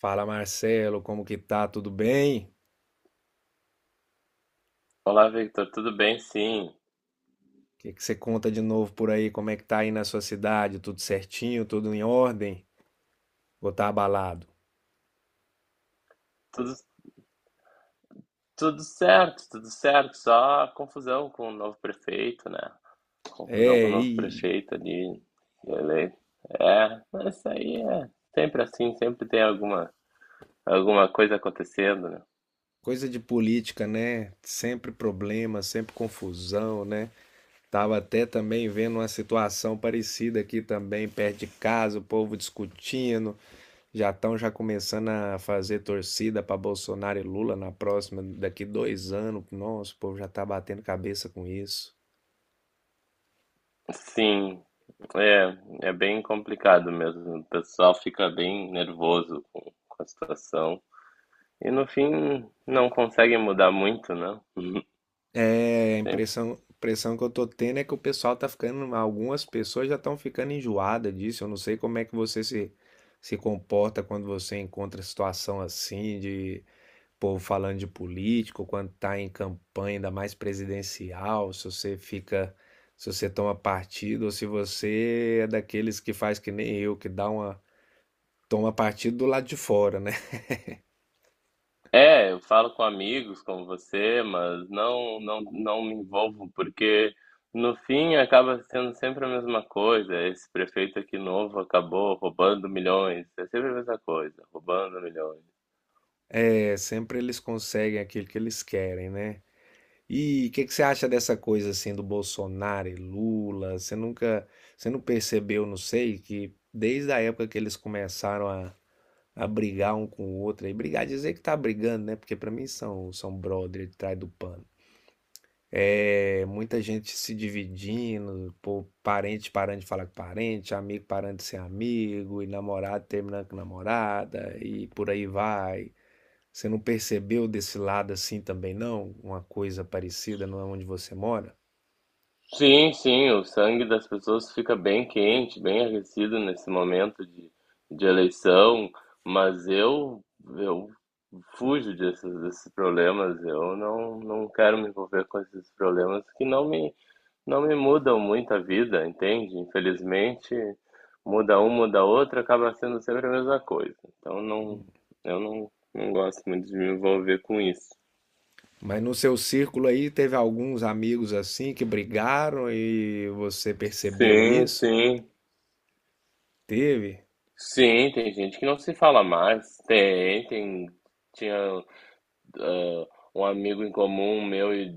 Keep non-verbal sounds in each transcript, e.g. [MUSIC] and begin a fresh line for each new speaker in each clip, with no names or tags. Fala Marcelo, como que tá? Tudo bem?
Olá, Victor, tudo bem? Sim,
O que que você conta de novo por aí? Como é que tá aí na sua cidade? Tudo certinho? Tudo em ordem? Ou tá abalado?
tudo, tudo certo, tudo certo. Só confusão com o novo prefeito, né? Confusão com o
É,
novo
e
prefeito ali, eleito. É, mas isso aí é sempre assim, sempre tem alguma coisa acontecendo, né?
coisa de política, né? Sempre problema, sempre confusão, né? Tava até também vendo uma situação parecida aqui também, perto de casa, o povo discutindo, já estão já começando a fazer torcida para Bolsonaro e Lula na próxima, daqui 2 anos. Nossa, o povo já tá batendo cabeça com isso.
Sim, é, é bem complicado mesmo. O pessoal fica bem nervoso com a situação. E no fim não consegue mudar muito, né?
É, a
[LAUGHS]
impressão que eu tô tendo é que o pessoal tá ficando, algumas pessoas já estão ficando enjoadas disso. Eu não sei como é que você se, se comporta quando você encontra situação assim de povo falando de político, quando tá em campanha, ainda mais presidencial, se você fica, se você toma partido ou se você é daqueles que faz que nem eu, que dá uma, toma partido do lado de fora, né? [LAUGHS]
É, eu falo com amigos como você, mas não me envolvo, porque no fim acaba sendo sempre a mesma coisa. Esse prefeito aqui novo acabou roubando milhões. É sempre a mesma coisa, roubando milhões.
É, sempre eles conseguem aquilo que eles querem, né? E o que que você acha dessa coisa assim do Bolsonaro e Lula? Você nunca, você não percebeu, não sei, que desde a época que a brigar um com o outro, e brigar, dizer que tá brigando, né? Porque pra mim são brother de trás do pano. É, muita gente se dividindo, pô, parente parando de falar com parente, amigo parando de ser amigo, e namorado terminando com namorada, e por aí vai. Você não percebeu desse lado assim também, não? Uma coisa parecida, não é onde você mora?
Sim, sim, o sangue das pessoas fica bem quente, bem aquecido nesse momento de eleição, mas eu fujo desses problemas, eu não quero me envolver com esses problemas que não me, não me mudam muito a vida, entende? Infelizmente, muda um, muda outro, acaba sendo sempre a mesma coisa. Então não, eu não gosto muito de me envolver com isso.
Mas no seu círculo aí teve alguns amigos assim que brigaram e você percebeu
Sim,
isso?
sim.
Teve?
Sim, tem gente que não se fala mais. Tem, tem. Tinha um amigo em comum meu e,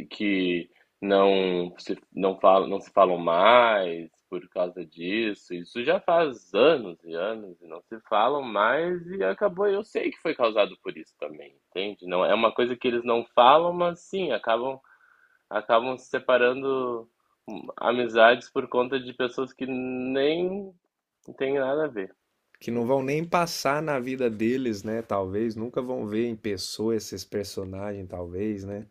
e que não fala, não se falam mais por causa disso. Isso já faz anos e anos e não se falam mais e acabou. Eu sei que foi causado por isso também, entende? Não é uma coisa que eles não falam, mas sim, acabam se separando, amizades por conta de pessoas que nem tem nada a ver.
Que não vão
Enfim.
nem passar na vida deles, né? Talvez, nunca vão ver em pessoa esses personagens, talvez, né?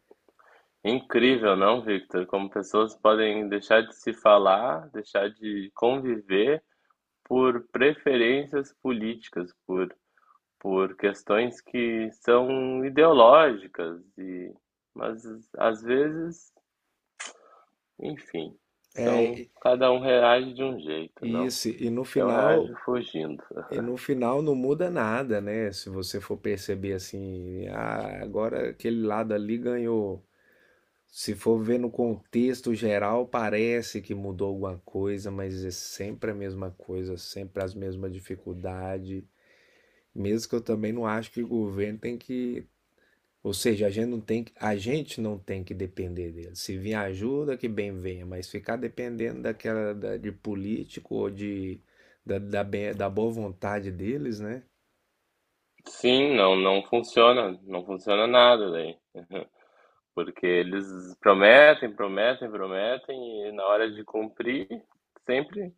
Incrível, não, Victor? Como pessoas podem deixar de se falar, deixar de conviver por preferências políticas, por questões que são ideológicas e mas às vezes, enfim,
É,
são
e-
cada um reage de um jeito, não?
isso,
Eu reajo fugindo.
e no final não muda nada, né? Se você for perceber assim, ah, agora aquele lado ali ganhou. Se for ver no contexto geral, parece que mudou alguma coisa, mas é sempre a mesma coisa, sempre as mesmas dificuldades. Mesmo que eu também não acho que o ou seja, a gente não tem que depender dele. Se vir ajuda, que bem venha, mas ficar dependendo de político ou da, da, da boa vontade deles, né?
Sim, não, não funciona, não funciona nada daí. Porque eles prometem, prometem, prometem e na hora de cumprir sempre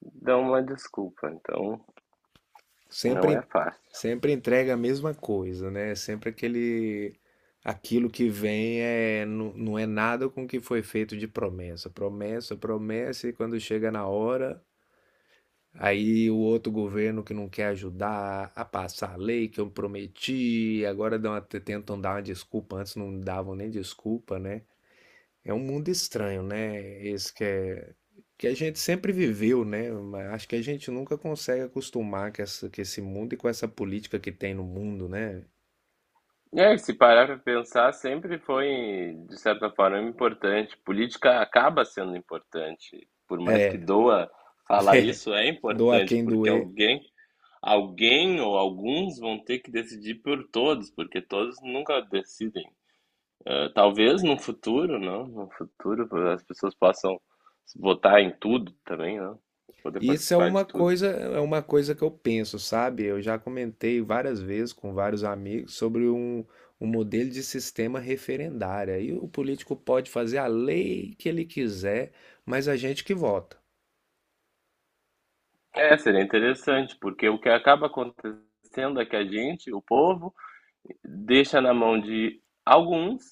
dão uma desculpa. Então não é
Sempre,
fácil.
sempre entrega a mesma coisa, né? Sempre aquele, aquilo que vem não, não é nada com o que foi feito de promessa. Promessa, promessa, e quando chega na hora, aí o outro governo que não quer ajudar a passar a lei que eu prometi, agora dão, até tentam dar uma desculpa, antes não davam nem desculpa, né? É um mundo estranho, né? Esse que é que a gente sempre viveu, né? Mas acho que a gente nunca consegue acostumar com com esse mundo e com essa política que tem no mundo, né?
E aí, se parar para pensar, sempre foi, de certa forma, importante. Política acaba sendo importante. Por mais que
É,
doa falar isso, é
doa
importante,
quem
porque
doer.
alguém ou alguns vão ter que decidir por todos, porque todos nunca decidem. Talvez no futuro, não? No futuro as pessoas possam votar em tudo também, não? Poder
Isso
participar de tudo.
é uma coisa que eu penso, sabe? Eu já comentei várias vezes com vários amigos sobre um modelo de sistema referendário. Aí o político pode fazer a lei que ele quiser, mas a gente que vota.
É, seria interessante, porque o que acaba acontecendo é que a gente, o povo, deixa na mão de alguns,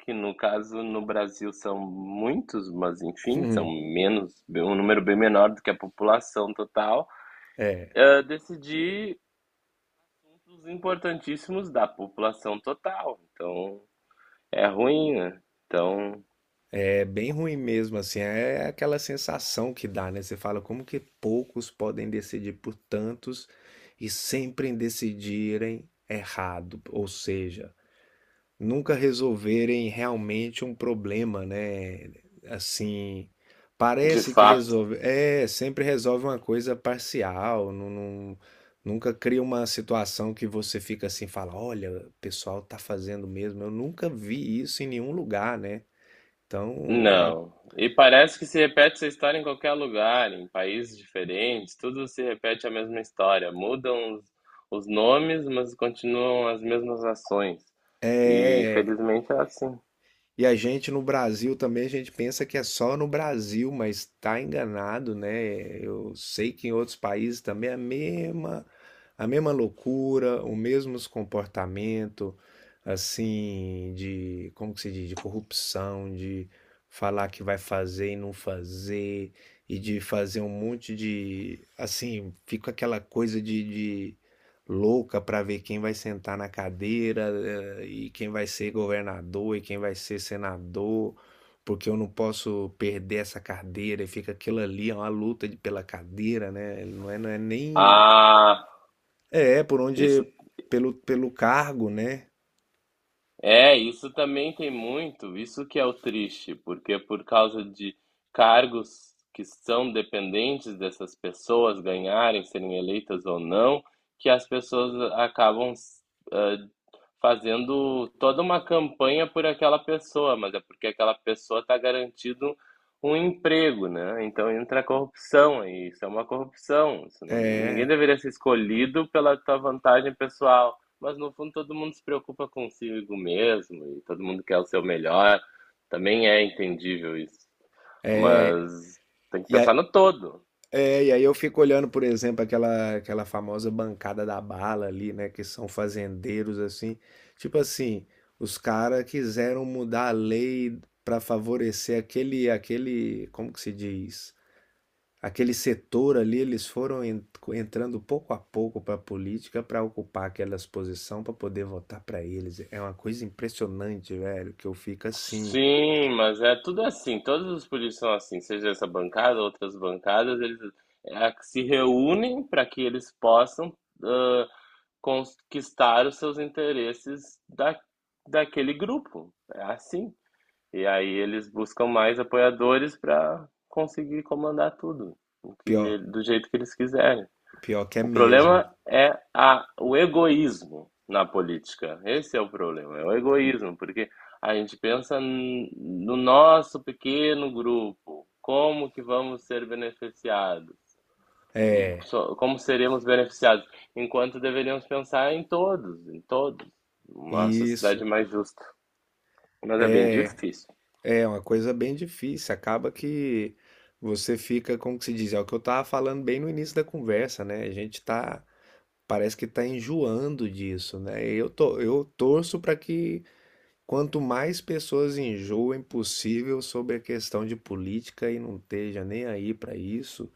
que no caso no Brasil são muitos, mas enfim, são
[LAUGHS]
menos, um número bem menor do que a população total,
É.
decidir assuntos importantíssimos da população total. Então, é ruim, né? Então,
É bem ruim mesmo, assim, é aquela sensação que dá, né? Você fala como que poucos podem decidir por tantos e sempre decidirem errado, ou seja, nunca resolverem realmente um problema, né? Assim,
de
parece que
fato,
resolve, é, sempre resolve uma coisa parcial, nunca cria uma situação que você fica assim, fala, olha, o pessoal tá fazendo mesmo. Eu nunca vi isso em nenhum lugar, né? Então, é uma.
não. E parece que se repete essa história em qualquer lugar, em países diferentes, tudo se repete a mesma história. Mudam os nomes, mas continuam as mesmas ações. E
É,
infelizmente é assim.
e a gente no Brasil também, a gente pensa que é só no Brasil, mas tá enganado, né? Eu sei que em outros países também é a mesma loucura, o mesmo comportamento, assim, de, como que se diz, de corrupção, de falar que vai fazer e não fazer, e de fazer um monte de, assim, fica aquela coisa louca para ver quem vai sentar na cadeira eh, e quem vai ser governador e quem vai ser senador, porque eu não posso perder essa cadeira e fica aquilo ali, é uma luta pela cadeira, né? Não é, não é nem.
Ah,
É, é por
isso
onde. Pelo, pelo cargo, né?
é, isso também tem muito, isso que é o triste, porque por causa de cargos que são dependentes dessas pessoas ganharem, serem eleitas ou não, que as pessoas acabam, ah, fazendo toda uma campanha por aquela pessoa, mas é porque aquela pessoa está garantido um emprego, né? Então entra a corrupção aí, isso é uma corrupção. Isso não- ninguém
É,
deveria ser escolhido pela tua vantagem pessoal. Mas no fundo todo mundo se preocupa consigo mesmo e todo mundo quer o seu melhor. Também é entendível isso.
é.
Mas tem que
E,
pensar
a-
no todo.
É, e aí eu fico olhando, por exemplo, aquela famosa bancada da bala ali, né? Que são fazendeiros, assim. Tipo assim, os caras quiseram mudar a lei para favorecer como que se diz? Aquele setor ali, eles foram entrando pouco a pouco para a política para ocupar aquelas posições para poder votar para eles. É uma coisa impressionante, velho, que eu fico assim,
Sim, mas é tudo assim. Todos os políticos são assim, seja essa bancada, outras bancadas, eles é, se reúnem para que eles possam, ah, conquistar os seus interesses daquele grupo. É assim. E aí eles buscam mais apoiadores para conseguir comandar tudo, o que,
pior,
ele- do jeito que eles quiserem.
pior que é
O
mesmo.
problema é a, o egoísmo na política. Esse é o problema, é o egoísmo, porque a gente pensa no nosso pequeno grupo, como que vamos ser beneficiados,
É,
como seremos beneficiados, enquanto deveríamos pensar em todos, uma sociedade
isso.
mais justa. Mas é bem difícil.
É uma coisa bem difícil. Acaba que você fica, como que se diz, é o que eu estava falando bem no início da conversa, né? A gente tá, parece que tá enjoando disso, né? Eu tô, eu torço para que quanto mais pessoas enjoem possível sobre a questão de política e não esteja nem aí para isso,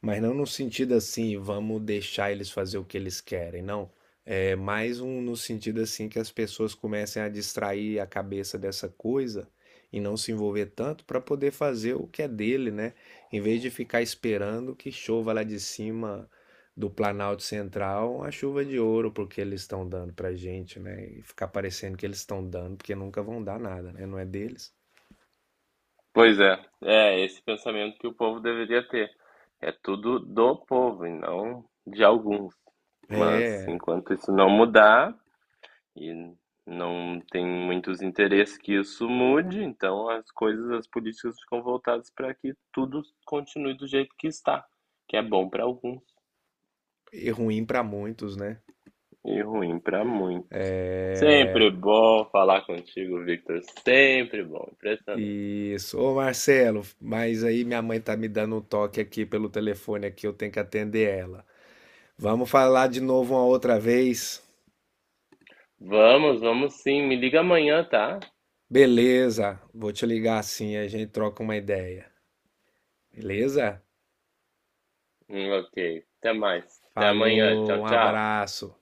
mas não no sentido assim, vamos deixar eles fazer o que eles querem, não. É mais um no sentido assim que as pessoas comecem a distrair a cabeça dessa coisa e não se envolver tanto para poder fazer o que é dele, né? Em vez de ficar esperando que chova lá de cima do Planalto Central a chuva de ouro porque eles estão dando pra gente, né? E ficar parecendo que eles estão dando porque nunca vão dar nada, né? Não é deles.
Pois é, é esse pensamento que o povo deveria ter. É tudo do povo e não de alguns. Mas
É,
enquanto isso não mudar, e não tem muitos interesses que isso mude, então as coisas, as políticas ficam voltadas para que tudo continue do jeito que está, que é bom para alguns
e ruim para muitos, né?
e ruim para muitos. Sempre
É,
bom falar contigo, Victor. Sempre bom, impressionante.
isso. Ô Marcelo, mas aí minha mãe tá me dando um toque aqui pelo telefone aqui, eu tenho que atender ela. Vamos falar de novo uma outra vez?
Vamos, vamos sim. Me liga amanhã, tá?
Beleza, vou te ligar assim, a gente troca uma ideia. Beleza?
Ok. Até mais. Até amanhã. Tchau,
Falou, um
tchau.
abraço.